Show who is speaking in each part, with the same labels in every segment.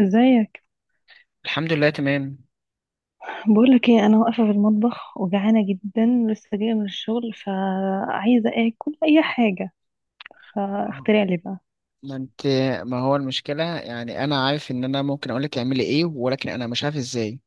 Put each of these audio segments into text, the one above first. Speaker 1: ازيك؟
Speaker 2: الحمد لله، تمام.
Speaker 1: بقولك ايه، انا واقفه في المطبخ وجعانه جدا. لسه جايه من الشغل فعايزه اكل اي حاجه. فاخترع لي بقى.
Speaker 2: ما انت ما هو المشكلة يعني انا عارف ان انا ممكن اقولك تعملي ايه، ولكن انا مش عارف ازاي.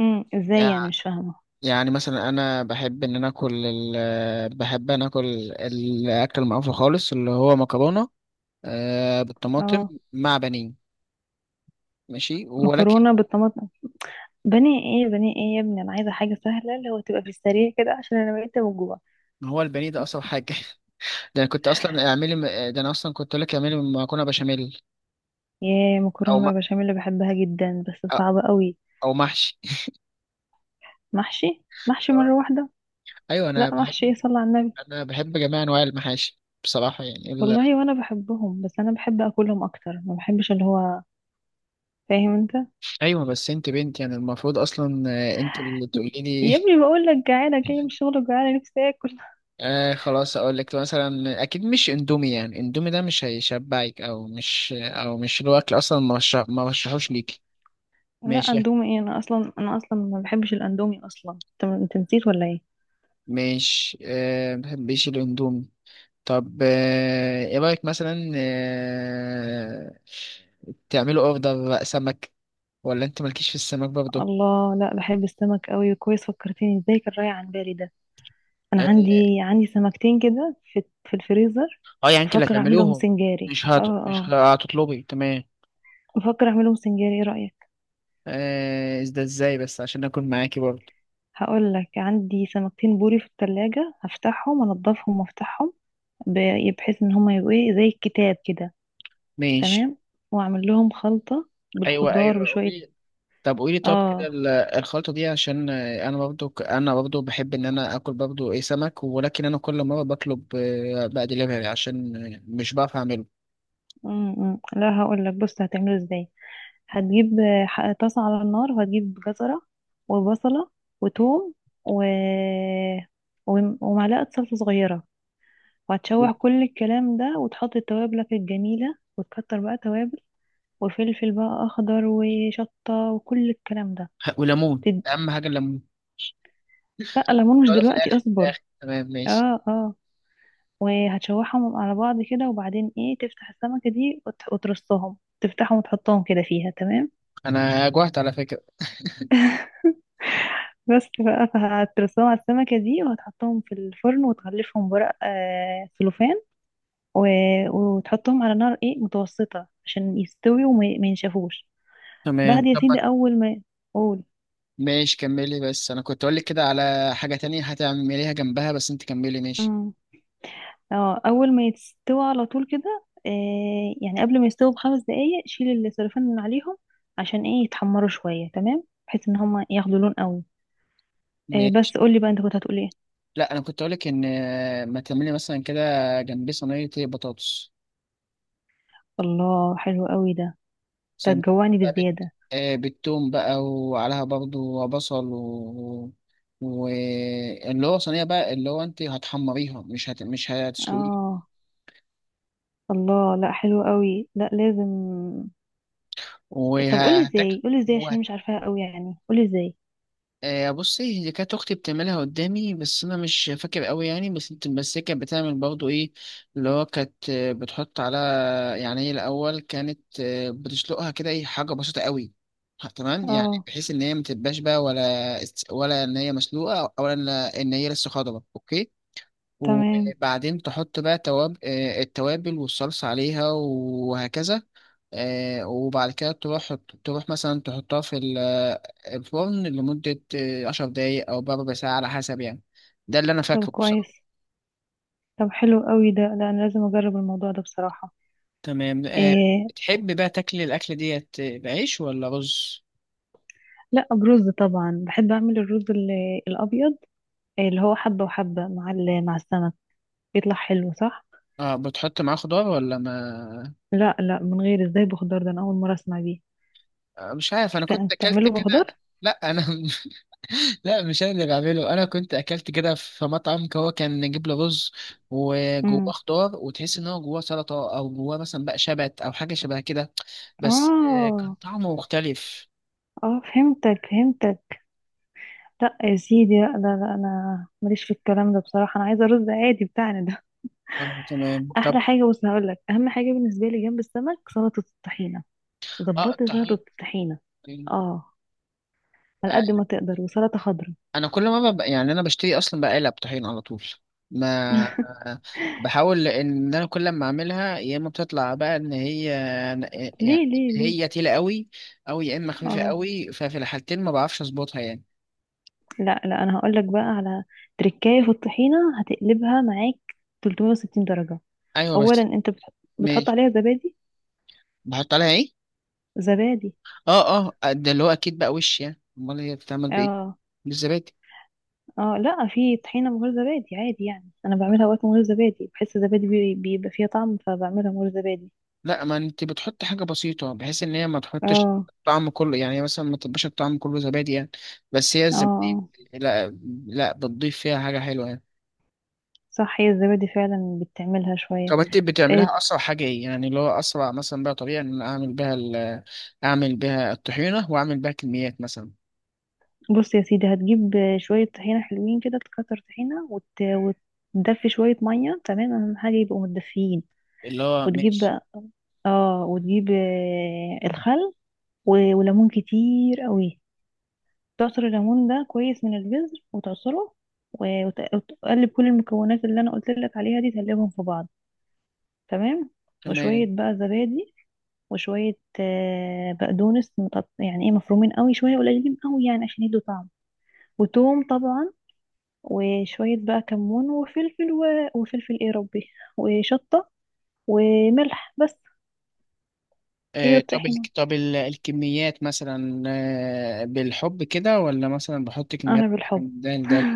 Speaker 1: ازاي يعني؟
Speaker 2: يع-
Speaker 1: مش فاهمه.
Speaker 2: يعني مثلا انا بحب انا اكل الاكل المعروف خالص اللي هو مكرونة، بالطماطم
Speaker 1: اه.
Speaker 2: مع بانيه. ماشي ولكن
Speaker 1: مكرونه بالطماطم؟ بني ايه بني ايه يا ابني، انا عايزه حاجه سهله اللي هو تبقى في السريع كده عشان انا بقيت من جوع.
Speaker 2: هو البانيه ده اصعب حاجة. ده انا اصلا كنت اقول لك اعملي مكرونة بشاميل،
Speaker 1: ياه،
Speaker 2: او م...
Speaker 1: مكرونه بشاميل اللي بحبها جدا بس صعبه قوي.
Speaker 2: او محشي.
Speaker 1: محشي محشي مره واحده.
Speaker 2: ايوه انا
Speaker 1: لا
Speaker 2: بحب
Speaker 1: محشي إيه، صلى على النبي.
Speaker 2: انا بحب جميع انواع المحاشي بصراحة يعني.
Speaker 1: والله وانا بحبهم، بس انا بحب اكلهم اكتر، ما بحبش اللي هو، فاهم انت.
Speaker 2: ايوه بس انت بنت يعني المفروض اصلا انت اللي تقولي
Speaker 1: يا
Speaker 2: لي.
Speaker 1: ابني بقول لك جعانه، جايه من الشغل وجعانه، نفسي اكل.
Speaker 2: خلاص. اقول لك مثلا اكيد مش اندومي، يعني اندومي ده مش هيشبعك، او مش الاكل اصلا، ما رشحوش ليكي.
Speaker 1: لا
Speaker 2: ماشي.
Speaker 1: اندومي ايه؟ انا اصلا ما بحبش الاندومي اصلا. انت نسيت ولا ايه؟
Speaker 2: مش ما بحبش الاندومي. طب ايه رايك مثلا تعملوا اوردر بقى سمك؟ ولا انت مالكيش في السمك برضه؟
Speaker 1: الله، لا بحب السمك قوي، كويس فكرتني، ازاي كان رايح عن بالي ده. انا عندي
Speaker 2: اه
Speaker 1: عندي سمكتين كده في الفريزر.
Speaker 2: يعني انت اللي
Speaker 1: بفكر اعملهم
Speaker 2: هتعملوهم؟
Speaker 1: سنجاري، اه
Speaker 2: مش
Speaker 1: اه.
Speaker 2: هتطلبي، تمام.
Speaker 1: بفكر اعملهم سنجاري، ايه رايك؟
Speaker 2: ده ازاي بس عشان اكون معاكي برضه.
Speaker 1: هقول لك، عندي سمكتين بوري في التلاجة، هفتحهم انضفهم وافتحهم بحيث ان هما يبقوا ايه، زي الكتاب كده.
Speaker 2: ماشي.
Speaker 1: تمام. واعمل لهم خلطة
Speaker 2: ايوه،
Speaker 1: بالخضار
Speaker 2: ايوه،
Speaker 1: بشوية.
Speaker 2: قولي. طب كده
Speaker 1: اه.
Speaker 2: الخلطه دي عشان انا برضه، انا برضه بحب ان انا اكل برضه ايه سمك، ولكن انا كل مره بطلب بقى دليفري عشان مش بعرف اعمله.
Speaker 1: أمم. لا هقول لك، بص هتعمله ازاي. هتجيب طاسه على النار، وهتجيب جزره وبصله وثوم و... ومعلقه صلصه صغيره، وهتشوح كل الكلام ده وتحط توابلك الجميله وتكتر بقى توابل، وفلفل بقى اخضر وشطه وكل الكلام ده.
Speaker 2: وليمون
Speaker 1: تد-
Speaker 2: اهم حاجه الليمون.
Speaker 1: بقى ليمون مش
Speaker 2: لو ده في
Speaker 1: دلوقتي،
Speaker 2: الاخر في الاخر
Speaker 1: اصبر.
Speaker 2: تمام ماشي.
Speaker 1: اه اه. وهتشوحهم على بعض كده، وبعدين ايه، تفتح السمكه دي وترصهم، تفتحهم وتحطهم كده فيها، تمام.
Speaker 2: انا جوعت على فكره.
Speaker 1: بس بقى، فهترصهم على السمكة دي وهتحطهم في الفرن، وتغلفهم بورق سلوفان و... وتحطهم على نار ايه، متوسطة عشان يستوي، ما ينشفوش.
Speaker 2: تمام.
Speaker 1: بعد يا
Speaker 2: طب.
Speaker 1: سيدي أول ما... قول.
Speaker 2: ماشي كملي، بس انا كنت اقول لك كده على حاجه تانية هتعمليها جنبها، بس انت كملي ماشي.
Speaker 1: امم اه، أول ما يستوي على طول كده، يعني قبل ما يستوي بخمس دقايق شيل السلوفان من عليهم عشان ايه يتحمروا شوية، تمام. بحيث ان هما ياخدوا لون قوي.
Speaker 2: ماشي.
Speaker 1: بس قولي بقى، انت كنت هتقول ايه؟
Speaker 2: لا انا كنت اقول لك ان ما تعملي مثلا كده جنبيه صينيه بطاطس.
Speaker 1: الله حلو قوي ده. ده
Speaker 2: زي ما
Speaker 1: هتجوعني
Speaker 2: بقى
Speaker 1: بالزيادة.
Speaker 2: بالثوم بقى، وعليها برضو بصل واللي هو صينيه بقى، اللي هو انت هتحمريها مش هتسلقيها.
Speaker 1: اه. الله، لا حلو قوي، لا لازم. طب قولي
Speaker 2: وهتاكل.
Speaker 1: ازاي، قولي ازاي عشان أنا مش عارفاها قوي يعني، قولي ازاي.
Speaker 2: بصي، هي كانت اختي بتعملها قدامي، بس انا مش فاكر قوي يعني. بس هي كانت بتعمل برضو ايه، اللي هو كانت بتحط على، يعني هي الاول كانت بتسلقها كده ايه، حاجه بسيطه قوي. تمام، يعني
Speaker 1: اه.
Speaker 2: بحيث ان هي ما تبقاش بقى، ولا ولا ان هي مسلوقه، ولا ان إن هي لسه خضره. اوكي.
Speaker 1: تمام.
Speaker 2: وبعدين تحط بقى تواب آه، التوابل والصلصه عليها وهكذا. وبعد كده تروح مثلا تحطها في الفرن لمدة عشر دقايق أو بربع ساعة، على حسب يعني. ده اللي أنا
Speaker 1: طب
Speaker 2: فاكره بصراحة.
Speaker 1: كويس. طب حلو قوي ده، لا انا لازم اجرب الموضوع ده بصراحة.
Speaker 2: تمام.
Speaker 1: إيه؟
Speaker 2: بتحب بقى تاكل الأكلة ديت بعيش ولا رز؟
Speaker 1: لا برز طبعا، بحب اعمل الرز الابيض، اللي هو حبة وحبة مع مع السمك، بيطلع حلو صح.
Speaker 2: اه بتحط معاه خضار ولا ما؟
Speaker 1: لا لا، من غير، ازاي بخضار؟ ده انا اول مرة اسمع بيه.
Speaker 2: مش عارف أنا كنت أكلت
Speaker 1: بتعمله
Speaker 2: كده.
Speaker 1: بخضار؟
Speaker 2: لا أنا. لا مش أنا اللي بعمله، أنا كنت أكلت كده في مطعم، هو كان نجيب له رز وجواه
Speaker 1: امم
Speaker 2: خضار، وتحس إن هو جواه سلطة أو جواه مثلا بقى شبت أو حاجة شبه كده. بس كان
Speaker 1: اه
Speaker 2: طعمه مختلف.
Speaker 1: اه، فهمتك فهمتك. لا يا سيدي، لا لا لا، انا ماليش في الكلام ده بصراحه، انا عايزه رز عادي بتاعنا ده.
Speaker 2: تمام. طب
Speaker 1: احلى حاجه، بص هقول لك، اهم حاجه بالنسبه لي جنب السمك، سلطه الطحينه.
Speaker 2: اه
Speaker 1: ظبطي سلطه
Speaker 2: الطحين،
Speaker 1: الطحينه.
Speaker 2: الطحين.
Speaker 1: اه. على
Speaker 2: آه،
Speaker 1: قد ما تقدر، وسلطه خضراء.
Speaker 2: انا كل ما ببقى يعني انا بشتري اصلا بقالة طحين على طول. ما آه، بحاول ان انا كل ما اعملها يا اما بتطلع بقى ان هي،
Speaker 1: ليه
Speaker 2: يعني
Speaker 1: ليه ليه.
Speaker 2: هي تقيلة قوي او يا اما خفيفة
Speaker 1: اه.
Speaker 2: قوي، ففي الحالتين ما بعرفش اظبطها يعني.
Speaker 1: لا لا، انا هقول لك بقى على تركايه في الطحينه، هتقلبها معاك 360 درجه.
Speaker 2: ايوه
Speaker 1: اولا
Speaker 2: بس.
Speaker 1: انت بتحط
Speaker 2: ماشي.
Speaker 1: عليها زبادي.
Speaker 2: بحط عليها ايه؟
Speaker 1: زبادي.
Speaker 2: اه اه، ده اللي هو اكيد بقى، وش يعني امال هي بتتعمل بايه؟
Speaker 1: اه
Speaker 2: بالزبادي.
Speaker 1: اه. لا، في طحينة من غير زبادي عادي يعني، انا بعملها وقت من غير زبادي، بحس الزبادي بيبقى فيها طعم، فبعملها من غير زبادي.
Speaker 2: لا، ما انت بتحط حاجه بسيطه بحيث ان هي ما تحطش
Speaker 1: اه
Speaker 2: طعم كله، يعني هي مثلا ما تبقاش الطعم كله زبادي يعني. بس هي
Speaker 1: اه.
Speaker 2: الزبادي.
Speaker 1: آه.
Speaker 2: لا، لا، بتضيف فيها حاجه حلوه يعني.
Speaker 1: صح، هي الزبادي فعلا بتعملها شوية.
Speaker 2: طب انت
Speaker 1: آه،
Speaker 2: بتعملها اسرع حاجه ايه، يعني اللي هو اسرع مثلا بقى طريقه ان انا اعمل بيها الطحينه، واعمل بيها كميات مثلا؟
Speaker 1: بص يا سيدي، هتجيب شوية طحينة حلوين كده، تكتر طحينة وتدفي شوية مية، تمام، أهم حاجة يبقوا متدفيين.
Speaker 2: اللي هو
Speaker 1: وتجيب
Speaker 2: ماشي.
Speaker 1: بقى- اه وتجيب الخل وليمون كتير قوي، تعصر الليمون ده كويس من البذر وتعصره، وتقلب كل المكونات اللي انا قلت لك عليها دي، تقلبهم في بعض، تمام. وشويه
Speaker 2: تمام.
Speaker 1: بقى زبادي، وشويه بقدونس يعني ايه، مفرومين قوي، شويه قليلين قوي يعني عشان يدوا طعم، وتوم طبعا، وشويه بقى كمون وفلفل وفلفل ايه، ربي، وشطه، وملح بس. هي دي الطحينه.
Speaker 2: الكميات مثلا؟ بالحب كده، ولا مثلا بحط
Speaker 1: انا
Speaker 2: كميات
Speaker 1: بالحب.
Speaker 2: مثلاً ده؟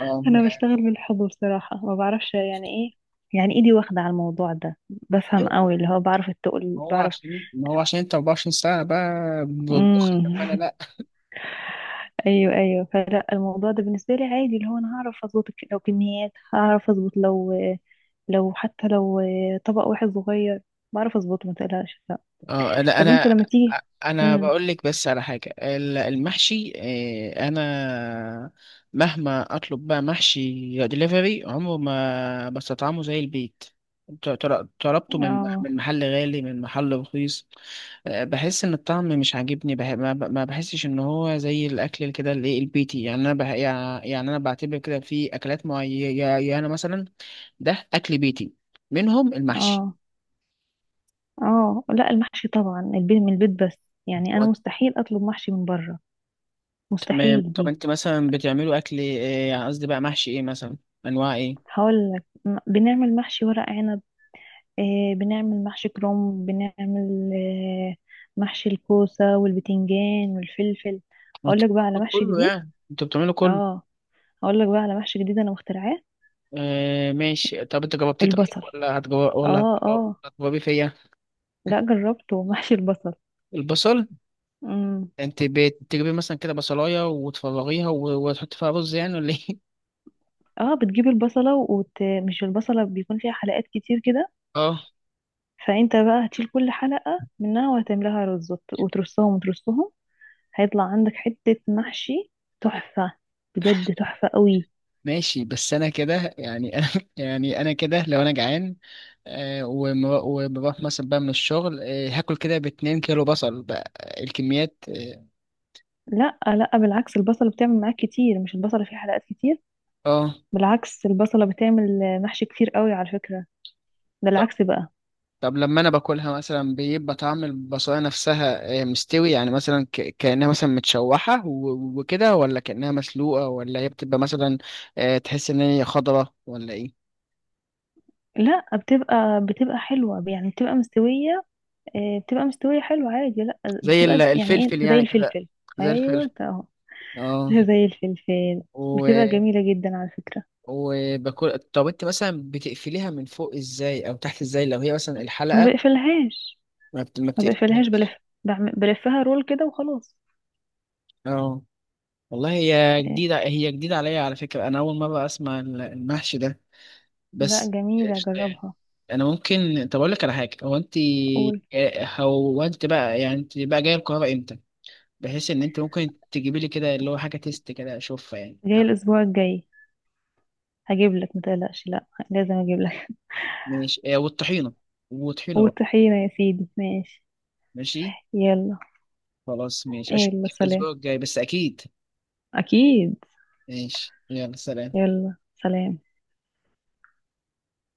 Speaker 2: اه
Speaker 1: انا
Speaker 2: يعني.
Speaker 1: بشتغل بالحضور صراحة، ما بعرفش يعني ايه، يعني ايدي واخدة على الموضوع ده، بفهم قوي اللي هو، بعرف التقل
Speaker 2: هو
Speaker 1: بعرف.
Speaker 2: عشان ما هو عشان انت 24 ساعة بقى بتطبخ، طب
Speaker 1: امم
Speaker 2: انا لا.
Speaker 1: ايوه ايوه، فلا الموضوع ده بالنسبة لي عادي، اللي هو انا هعرف اظبط لو كميات، هعرف اظبط، لو حتى لو طبق واحد صغير بعرف اظبطه، ما تقلقش، لا.
Speaker 2: اه لا،
Speaker 1: طب انت
Speaker 2: انا
Speaker 1: لما تيجي.
Speaker 2: انا
Speaker 1: امم
Speaker 2: بقول لك بس على حاجة المحشي. اه، انا مهما اطلب بقى محشي دليفري عمره ما بستطعمه زي البيت. طلبته من مح-
Speaker 1: اه
Speaker 2: من محل غالي، من محل رخيص. بحس ان الطعم مش عاجبني. بح... ما ب- ما بحسش ان هو زي الاكل كده اللي إيه البيتي، يعني انا بح... يعني يعني انا بعتبر كده في اكلات معينه مثلا، ده اكل بيتي، منهم المحشي.
Speaker 1: اه اه. لا المحشي طبعا البيت من البيت بس، يعني انا
Speaker 2: و-
Speaker 1: مستحيل اطلب محشي من بره،
Speaker 2: تمام.
Speaker 1: مستحيل
Speaker 2: طب
Speaker 1: دي.
Speaker 2: انت مثلا بتعملوا اكل ايه، يعني قصدي بقى محشي ايه مثلا؟ انواع ايه؟
Speaker 1: هقول لك، بنعمل محشي ورق عنب، بنعمل محشي كرنب، بنعمل محشي الكوسة والبتنجان والفلفل. هقول
Speaker 2: انت
Speaker 1: لك بقى على
Speaker 2: بتعملوا
Speaker 1: محشي
Speaker 2: كله؟
Speaker 1: جديد.
Speaker 2: يعني انت بتعملوا كله؟
Speaker 1: اه. هقول لك بقى على محشي جديد انا مخترعاه.
Speaker 2: ماشي. طب انت جربتيه طيب،
Speaker 1: البصل.
Speaker 2: ولا هتجرب، ولا
Speaker 1: اه اه.
Speaker 2: هتجربي فيا؟
Speaker 1: لا جربته. محشي البصل.
Speaker 2: البصل؟
Speaker 1: امم
Speaker 2: انت بتجيبي مثلا كده بصلايه وتفرغيها وتحطي فيها رز يعني، ولا ايه؟
Speaker 1: اه، بتجيب البصلة مش البصلة، بيكون فيها حلقات كتير كده،
Speaker 2: اه
Speaker 1: فانت بقى هتشيل كل حلقة منها وهتملاها رز، وترصهم وترصهم. هيطلع عندك حتة محشي تحفة، بجد تحفة قوي.
Speaker 2: ماشي، بس انا كده يعني، انا يعني انا كده لو انا جعان وبروح مثلا بقى من الشغل هاكل كده باتنين كيلو بصل بقى، الكميات اه.
Speaker 1: لا لا، بالعكس البصلة بتعمل معاك كتير، مش البصلة فيه حلقات كتير،
Speaker 2: آه.
Speaker 1: بالعكس البصلة بتعمل محشي كتير قوي على فكرة، ده
Speaker 2: طب
Speaker 1: العكس بقى.
Speaker 2: طب لما انا باكلها مثلا بيبقى طعم البصلايه نفسها آه مستوي، يعني مثلا كانها مثلا متشوحه وكده، ولا كانها مسلوقه، ولا هي بتبقى مثلا تحس ان هي خضره ولا ايه؟
Speaker 1: لا بتبقى حلوة يعني، بتبقى مستوية. بتبقى مستوية حلوة عادي، لا.
Speaker 2: زي
Speaker 1: بتبقى يعني ايه،
Speaker 2: الفلفل
Speaker 1: زي
Speaker 2: يعني كده.
Speaker 1: الفلفل.
Speaker 2: زي
Speaker 1: ايوه
Speaker 2: الفلفل.
Speaker 1: اهو.
Speaker 2: اه
Speaker 1: زي الفلفل. بتبقى جميلة جدا على فكرة.
Speaker 2: وباكل. طب انت مثلا بتقفليها من فوق ازاي، او تحت ازاي، لو هي مثلا
Speaker 1: ما
Speaker 2: الحلقة؟
Speaker 1: بقفلهاش.
Speaker 2: ما
Speaker 1: ما بقفلهاش، بلف.
Speaker 2: بتقفلهاش.
Speaker 1: بلفها رول كده وخلاص.
Speaker 2: اه والله، هي
Speaker 1: آه.
Speaker 2: جديدة، هي جديدة عليا على فكرة، انا اول مرة اسمع المحشي ده.
Speaker 1: لا
Speaker 2: بس.
Speaker 1: جميلة،
Speaker 2: قشطة يعني.
Speaker 1: جربها.
Speaker 2: انا ممكن طب اقول لك على حاجة، هو انت؟
Speaker 1: قول.
Speaker 2: اه، هو انت بقى يعني انت بقى جاية القاهرة امتى، بحيث ان انت ممكن تجيبي لي كده اللي هو حاجة تيست كده اشوفها يعني؟
Speaker 1: جاي
Speaker 2: اه،
Speaker 1: الاسبوع الجاي. هجيب لك، متقلقش، لا لازم اجيب لك.
Speaker 2: ماشي. اه، والطحينة، والطحينة بقى.
Speaker 1: والطحينة يا سيدي، ماشي.
Speaker 2: ماشي.
Speaker 1: يلا.
Speaker 2: خلاص ماشي، اشوفك
Speaker 1: يلا سلام.
Speaker 2: الاسبوع الجاي بس اكيد.
Speaker 1: اكيد.
Speaker 2: ماشي يلا سلام.
Speaker 1: يلا سلام.